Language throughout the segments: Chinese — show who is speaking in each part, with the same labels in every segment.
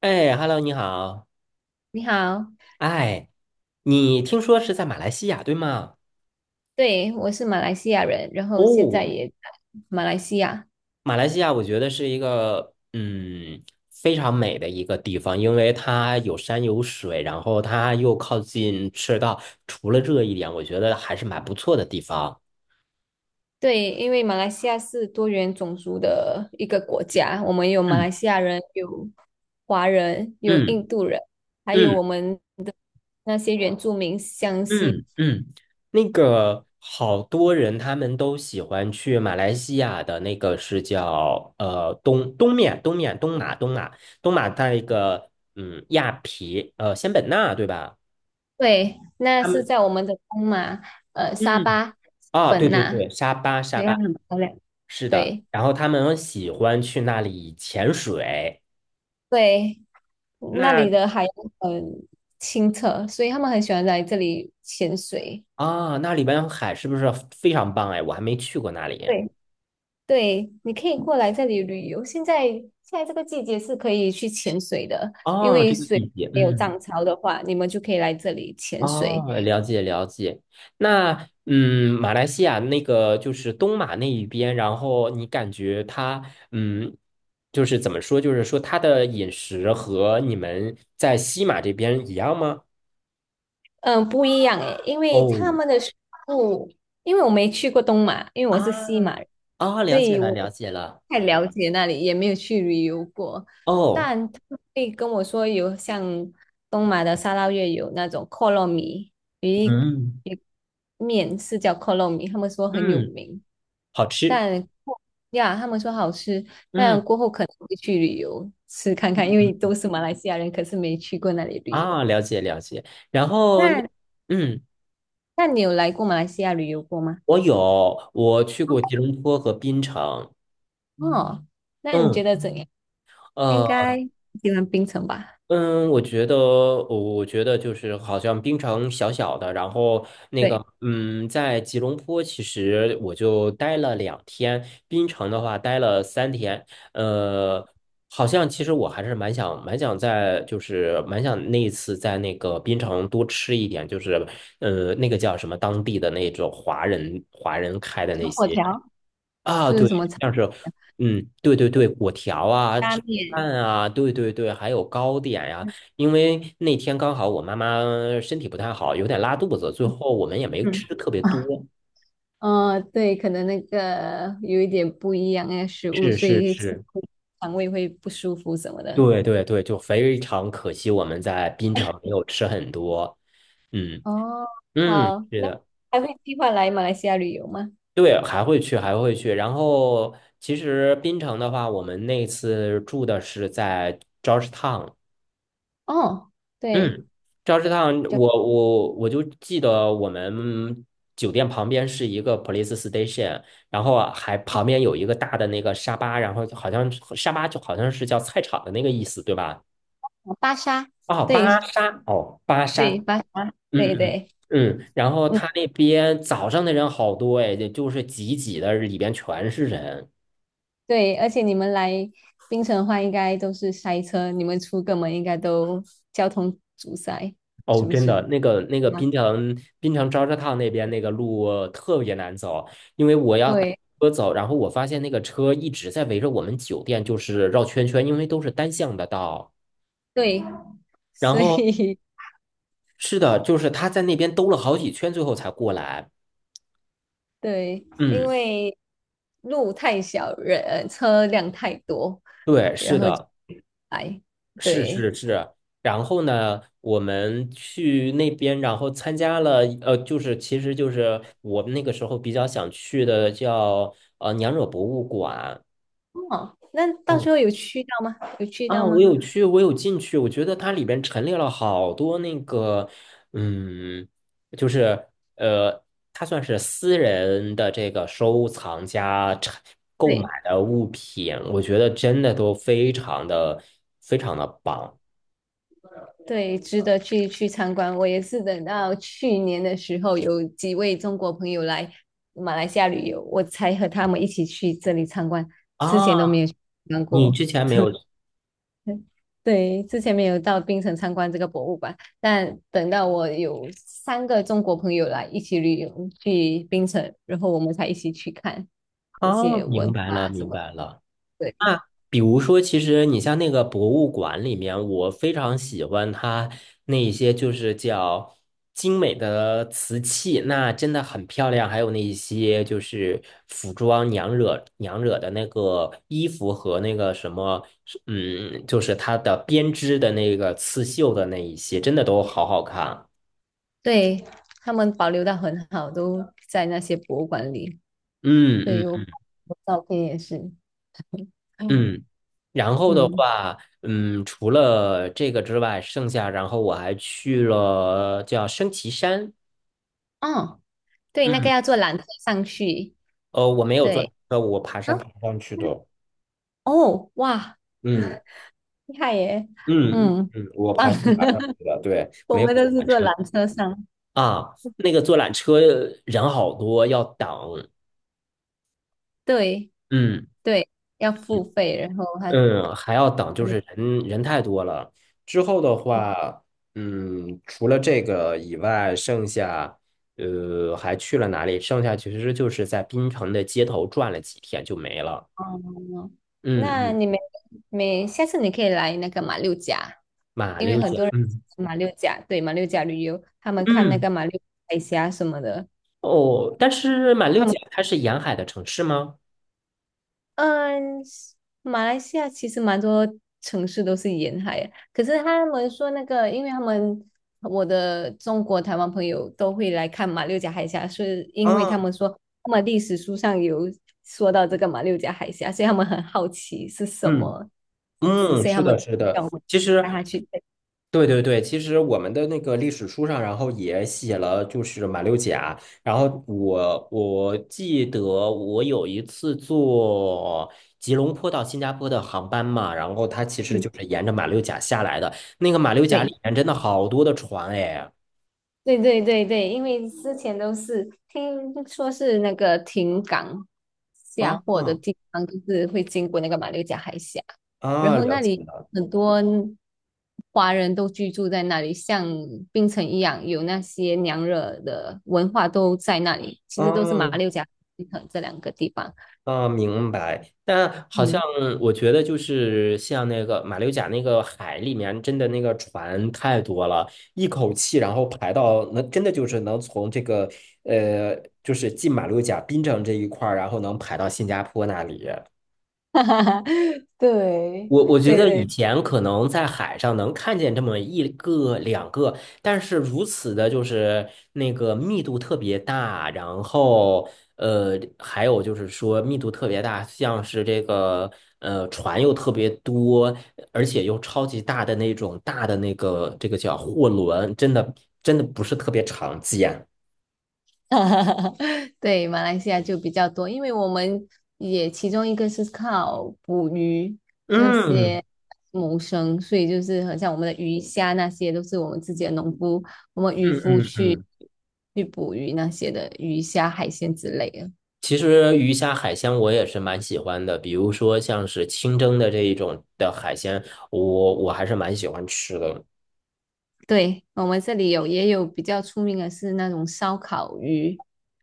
Speaker 1: 哎，Hello，你好。
Speaker 2: 你好，
Speaker 1: 哎，你听说是在马来西亚，对吗？
Speaker 2: 对，我是马来西亚人，然后现
Speaker 1: 哦，
Speaker 2: 在也在马来西亚。
Speaker 1: 马来西亚我觉得是一个非常美的一个地方，因为它有山有水，然后它又靠近赤道，除了这一点，我觉得还是蛮不错的地方。
Speaker 2: 对，因为马来西亚是多元种族的一个国家，我们有马来
Speaker 1: 嗯
Speaker 2: 西亚人，有华人，有
Speaker 1: 嗯
Speaker 2: 印度人，还有
Speaker 1: 嗯。
Speaker 2: 我们那些原住民湘西。
Speaker 1: 嗯嗯，那个好多人他们都喜欢去马来西亚的那个是叫呃东东面东面东马东马东马在一个嗯亚皮呃仙本那对吧？
Speaker 2: 对，那
Speaker 1: 他
Speaker 2: 是
Speaker 1: 们。
Speaker 2: 在我们的东马，沙
Speaker 1: 嗯。
Speaker 2: 巴、
Speaker 1: 啊，对
Speaker 2: 本
Speaker 1: 对
Speaker 2: 那，
Speaker 1: 对，沙巴沙
Speaker 2: 对，它
Speaker 1: 巴。
Speaker 2: 很漂亮。
Speaker 1: 是的，
Speaker 2: 对
Speaker 1: 然后他们喜欢去那里潜水，
Speaker 2: 对，那里
Speaker 1: 那，
Speaker 2: 的海洋很清澈，所以他们很喜欢来这里潜水。
Speaker 1: 啊，那里边海是不是非常棒哎？我还没去过那里。
Speaker 2: 对。对，你可以过来这里旅游。现在这个季节是可以去潜水的，因
Speaker 1: 哦，
Speaker 2: 为
Speaker 1: 这个
Speaker 2: 水
Speaker 1: 季节
Speaker 2: 没有
Speaker 1: 嗯。
Speaker 2: 涨潮的话，你们就可以来这里潜水。
Speaker 1: 哦，了解了解。那嗯，马来西亚那个就是东马那一边，然后你感觉它嗯，就是怎么说，就是说它的饮食和你们在西马这边一样吗？
Speaker 2: 嗯，不一样诶，因为他
Speaker 1: 哦。
Speaker 2: 们的食物，因为我没去过东马，因为
Speaker 1: 啊，
Speaker 2: 我是西马人，
Speaker 1: 啊，
Speaker 2: 所
Speaker 1: 了解
Speaker 2: 以
Speaker 1: 了
Speaker 2: 我不
Speaker 1: 解了。
Speaker 2: 太了解那里，也没有去旅游过。
Speaker 1: 哦，
Speaker 2: 但他们会跟我说有像东马的沙捞越有那种扣肉米一
Speaker 1: 嗯
Speaker 2: 鱼面，是叫扣肉米，他们说很有
Speaker 1: 嗯，
Speaker 2: 名。
Speaker 1: 好吃。
Speaker 2: 但呀，他们说好吃，但
Speaker 1: 嗯
Speaker 2: 过后可能会去旅游吃看
Speaker 1: 嗯
Speaker 2: 看，因为
Speaker 1: 嗯，
Speaker 2: 都是马来西亚人，可是没去过那里旅游。
Speaker 1: 啊，了解了解。然后那
Speaker 2: 那
Speaker 1: 嗯，
Speaker 2: 那你有来过马来西亚旅游过吗？
Speaker 1: 我我去过吉隆坡和槟城。
Speaker 2: 哦，那你觉
Speaker 1: 嗯。
Speaker 2: 得怎样？应
Speaker 1: 呃。
Speaker 2: 该喜欢槟城吧？
Speaker 1: 嗯，我觉得就是好像槟城小小的，然后那
Speaker 2: 对，
Speaker 1: 个，嗯，在吉隆坡其实我就待了两天，槟城的话待了三天，呃，好像其实我还是蛮想那一次在那个槟城多吃一点，就是那个叫什么当地的那种华人开的
Speaker 2: 炒
Speaker 1: 那
Speaker 2: 粿
Speaker 1: 些。
Speaker 2: 条
Speaker 1: 啊，
Speaker 2: 是不是
Speaker 1: 对，
Speaker 2: 什么炒
Speaker 1: 像是，嗯，对对对，果条啊，
Speaker 2: 拉
Speaker 1: 炒
Speaker 2: 面？
Speaker 1: 饭啊，对对对，还有糕点呀、因为那天刚好我妈妈身体不太好，有点拉肚子，最后我们也没
Speaker 2: 嗯
Speaker 1: 吃特别
Speaker 2: 啊，
Speaker 1: 多。
Speaker 2: 对，可能那个有一点不一样的食物，
Speaker 1: 是
Speaker 2: 所
Speaker 1: 是
Speaker 2: 以会吃
Speaker 1: 是，
Speaker 2: 肠胃会不舒服什么的。
Speaker 1: 对对对，就非常可惜，我们在槟城没有吃很多。嗯
Speaker 2: 哦
Speaker 1: 嗯，
Speaker 2: 好，
Speaker 1: 是
Speaker 2: 那
Speaker 1: 的，
Speaker 2: 还会计划来马来西亚旅游吗？
Speaker 1: 对，还会去，还会去。然后其实槟城的话，我们那次住的是在 Georgetown。
Speaker 2: 哦，对，
Speaker 1: 嗯，赵氏烫，我
Speaker 2: 就
Speaker 1: 我我就记得我们酒店旁边是一个 police station,然后啊还旁边有一个大的那个沙巴，然后就好像沙巴就好像是叫菜场的那个意思，对吧？
Speaker 2: 巴沙，
Speaker 1: 哦，
Speaker 2: 对
Speaker 1: 巴沙，哦，巴
Speaker 2: 对，
Speaker 1: 沙，
Speaker 2: 巴沙，
Speaker 1: 嗯
Speaker 2: 对
Speaker 1: 嗯
Speaker 2: 对，
Speaker 1: 嗯，然后
Speaker 2: 嗯，
Speaker 1: 他那边早上的人好多哎，就是挤挤的，里边全是人。
Speaker 2: 对，而且你们来槟城的话，应该都是塞车，你们出个门应该都交通阻塞，
Speaker 1: 哦，
Speaker 2: 是不
Speaker 1: 真的，
Speaker 2: 是？
Speaker 1: 那个
Speaker 2: 对吗？
Speaker 1: 滨城昭示烫那边那个路特别难走，因为我要打
Speaker 2: 对
Speaker 1: 车走，然后我发现那个车一直在围着我们酒店就是绕圈圈，因为都是单向的道。
Speaker 2: 对，
Speaker 1: 然
Speaker 2: 所
Speaker 1: 后
Speaker 2: 以
Speaker 1: 是的，就是他在那边兜了好几圈，最后才过来。
Speaker 2: 对，因
Speaker 1: 嗯，
Speaker 2: 为路太小，人车辆太多，
Speaker 1: 对，是
Speaker 2: 然后就
Speaker 1: 的，
Speaker 2: 来，
Speaker 1: 是
Speaker 2: 对。
Speaker 1: 是是。然后呢，我们去那边，然后参加了，就是其实就是我们那个时候比较想去的叫娘惹博物馆。
Speaker 2: 哦，那到时
Speaker 1: 嗯。
Speaker 2: 候有去到吗？有去到
Speaker 1: 啊，我
Speaker 2: 吗？
Speaker 1: 有去，我有进去，我觉得它里边陈列了好多那个，嗯，就是呃，它算是私人的这个收藏家陈购买
Speaker 2: 对
Speaker 1: 的物品，我觉得真的都非常的棒。
Speaker 2: 对，值得去参观。我也是等到去年的时候，有几位中国朋友来马来西亚旅游，我才和他们一起去这里参观，之前都
Speaker 1: 啊！
Speaker 2: 没有去参观
Speaker 1: 你
Speaker 2: 过。
Speaker 1: 之前 没有。
Speaker 2: 对对，之前没有到槟城参观这个博物馆，但等到我有三个中国朋友来一起旅游去槟城，然后我们才一起去看这
Speaker 1: 啊？
Speaker 2: 些
Speaker 1: 明
Speaker 2: 文
Speaker 1: 白了，
Speaker 2: 化什
Speaker 1: 明
Speaker 2: 么的。
Speaker 1: 白了。
Speaker 2: 对。
Speaker 1: 那比如说，其实你像那个博物馆里面，我非常喜欢它那一些就是叫精美的瓷器，那真的很漂亮。还有那一些就是服装娘惹的那个衣服和那个什么，嗯，就是它的编织的那个刺绣的那一些，真的都好好看。
Speaker 2: 对，他们保留的很好，都在那些博物馆里。对，
Speaker 1: 嗯
Speaker 2: 有
Speaker 1: 嗯
Speaker 2: 我照片也是。嗯
Speaker 1: 嗯，然后的
Speaker 2: 嗯，
Speaker 1: 话，嗯，除了这个之外，剩下然后我还去了叫升旗山，
Speaker 2: 哦，对，那个
Speaker 1: 嗯，
Speaker 2: 要坐缆车上去。
Speaker 1: 我没有坐
Speaker 2: 对
Speaker 1: 车，我爬
Speaker 2: 啊，
Speaker 1: 山爬上去的，
Speaker 2: 哦，哇，
Speaker 1: 嗯
Speaker 2: 厉害耶！嗯，
Speaker 1: 嗯，我爬
Speaker 2: 棒
Speaker 1: 山爬上 去的，对，
Speaker 2: 我
Speaker 1: 没有
Speaker 2: 们
Speaker 1: 坐
Speaker 2: 都是
Speaker 1: 缆
Speaker 2: 坐
Speaker 1: 车。
Speaker 2: 缆车上。
Speaker 1: 啊，那个坐缆车人好多，要等，
Speaker 2: 对
Speaker 1: 嗯。
Speaker 2: 对，要付费，然后还
Speaker 1: 嗯，还要等，就是人太多了。之后的话，嗯，除了这个以外，剩下还去了哪里？剩下其实就是在槟城的街头转了几天就没了。
Speaker 2: 哦，
Speaker 1: 嗯
Speaker 2: 那
Speaker 1: 嗯，
Speaker 2: 你们每下次你可以来那个马六甲。
Speaker 1: 马
Speaker 2: 因为
Speaker 1: 六
Speaker 2: 很
Speaker 1: 甲，
Speaker 2: 多人
Speaker 1: 嗯
Speaker 2: 马六甲，对，马六甲旅游，他们看那
Speaker 1: 嗯，
Speaker 2: 个马六海峡什么的，
Speaker 1: 哦，但是马六
Speaker 2: 他们
Speaker 1: 甲它是沿海的城市吗？
Speaker 2: 嗯，马来西亚其实蛮多城市都是沿海啊，可是他们说那个，因为他们我的中国台湾朋友都会来看马六甲海峡，是因为他
Speaker 1: 啊，
Speaker 2: 们说他们历史书上有说到这个马六甲海峡，所以他们很好奇是什
Speaker 1: 嗯
Speaker 2: 么名字，
Speaker 1: 嗯，
Speaker 2: 所以
Speaker 1: 是
Speaker 2: 他们
Speaker 1: 的，是的。
Speaker 2: 叫我
Speaker 1: 其
Speaker 2: 带他
Speaker 1: 实
Speaker 2: 去。
Speaker 1: 对对对，其实我们的那个历史书上，然后也写了，就是马六甲。然后我记得我有一次坐吉隆坡到新加坡的航班嘛，然后它其实
Speaker 2: 嗯，
Speaker 1: 就是沿着马六甲下来的。那个马六甲里
Speaker 2: 对。
Speaker 1: 面真的好多的船哎，
Speaker 2: 对对对对，因为之前都是听说是那个停港下
Speaker 1: 啊
Speaker 2: 货的
Speaker 1: 啊，
Speaker 2: 地方，就是会经过那个马六甲海峡，然
Speaker 1: 啊
Speaker 2: 后
Speaker 1: 了
Speaker 2: 那里
Speaker 1: 解了，
Speaker 2: 很多华人都居住在那里，像槟城一样，有那些娘惹的文化都在那里，其实都是马
Speaker 1: 啊，
Speaker 2: 六甲、槟城这两个地方。
Speaker 1: 啊，明白。但好像
Speaker 2: 嗯，
Speaker 1: 我觉得，就是像那个马六甲那个海里面，真的那个船太多了，一口气然后排到能，真的就是能从这个呃，就是进马六甲槟城这一块儿，然后能排到新加坡那里。
Speaker 2: 对
Speaker 1: 我觉
Speaker 2: 对
Speaker 1: 得以
Speaker 2: 对
Speaker 1: 前可能在海上能看见这么一个两个，但是如此的就是那个密度特别大，然后呃，还有就是说密度特别大，像是这个船又特别多，而且又超级大的那个叫货轮，真的不是特别常见。
Speaker 2: 哈哈哈，对，马来西亚就比较多，因为我们也其中一个是靠捕鱼那
Speaker 1: 嗯
Speaker 2: 些谋生，所以就是很像我们的鱼虾那些都是我们自己的农夫，我们渔
Speaker 1: 嗯
Speaker 2: 夫
Speaker 1: 嗯
Speaker 2: 去
Speaker 1: 嗯。
Speaker 2: 去捕鱼那些的鱼虾海鲜之类的。
Speaker 1: 其实鱼虾海鲜我也是蛮喜欢的，比如说像是清蒸的这一种的海鲜，我还是蛮喜欢吃的。
Speaker 2: 对，我们这里有也有比较出名的是那种烧烤鱼，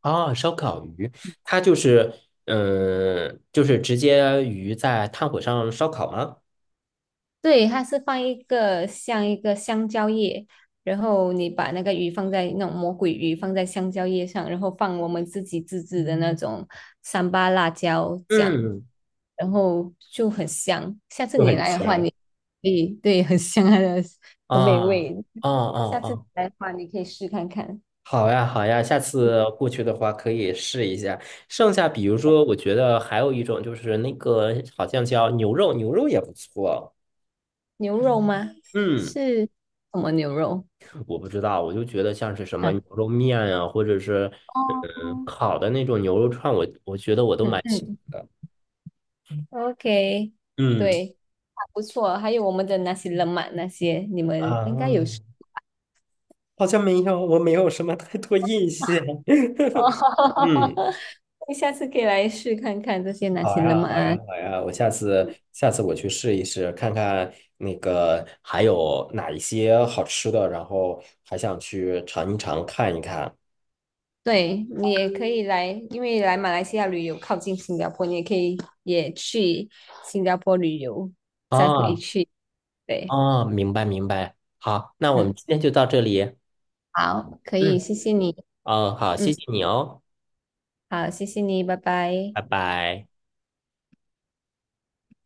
Speaker 1: 啊，烧烤鱼，它就是，嗯，就是直接鱼在炭火上烧烤吗？
Speaker 2: 对，它是放一个像一个香蕉叶，然后你把那个鱼放在那种魔鬼鱼放在香蕉叶上，然后放我们自己自制的那种三八辣椒酱，
Speaker 1: 嗯，
Speaker 2: 然后就很香。下次
Speaker 1: 就
Speaker 2: 你
Speaker 1: 很
Speaker 2: 来的话
Speaker 1: 香。
Speaker 2: 你，你对很香它的，很美
Speaker 1: 啊，哦
Speaker 2: 味。
Speaker 1: 哦
Speaker 2: 下次
Speaker 1: 哦，
Speaker 2: 来的话，你可以试看看
Speaker 1: 好呀好呀，下次过去的话可以试一下。剩下比如说，我觉得还有一种就是那个好像叫牛肉，牛肉也不错。
Speaker 2: 牛肉吗？
Speaker 1: 嗯。
Speaker 2: 是什么牛肉？
Speaker 1: 我不知道，我就觉得像是什么
Speaker 2: 嗯，
Speaker 1: 牛
Speaker 2: 嗯
Speaker 1: 肉面啊，或者是
Speaker 2: 哦，
Speaker 1: 烤的那种牛肉串，我觉得我都
Speaker 2: 嗯
Speaker 1: 蛮喜
Speaker 2: 嗯。
Speaker 1: 欢的。
Speaker 2: OK，
Speaker 1: 嗯，
Speaker 2: 对，还不错。还有我们的那些冷玛那些，你们
Speaker 1: 啊，
Speaker 2: 应该有试
Speaker 1: 好像没有，我没有什么太多印象。
Speaker 2: 哦。
Speaker 1: 嗯，
Speaker 2: 你下次可以来试看看这些哪
Speaker 1: 好
Speaker 2: 些冷
Speaker 1: 呀，
Speaker 2: 玛
Speaker 1: 好
Speaker 2: 啊。
Speaker 1: 呀，好呀，我下次下次我去试一试，看看那个还有哪一些好吃的，然后还想去尝一尝，看一看。
Speaker 2: 对，你也可以来，因为来马来西亚旅游靠近新加坡，你也可以也去新加坡旅游，再回
Speaker 1: 啊
Speaker 2: 去。对，
Speaker 1: 啊，明白明白。好，那我们
Speaker 2: 嗯，
Speaker 1: 今天就到这里。
Speaker 2: 好，可以，
Speaker 1: 嗯，
Speaker 2: 谢谢你。
Speaker 1: 哦，好，谢
Speaker 2: 嗯，
Speaker 1: 谢你哦。
Speaker 2: 好，谢谢你，拜拜。
Speaker 1: 拜拜。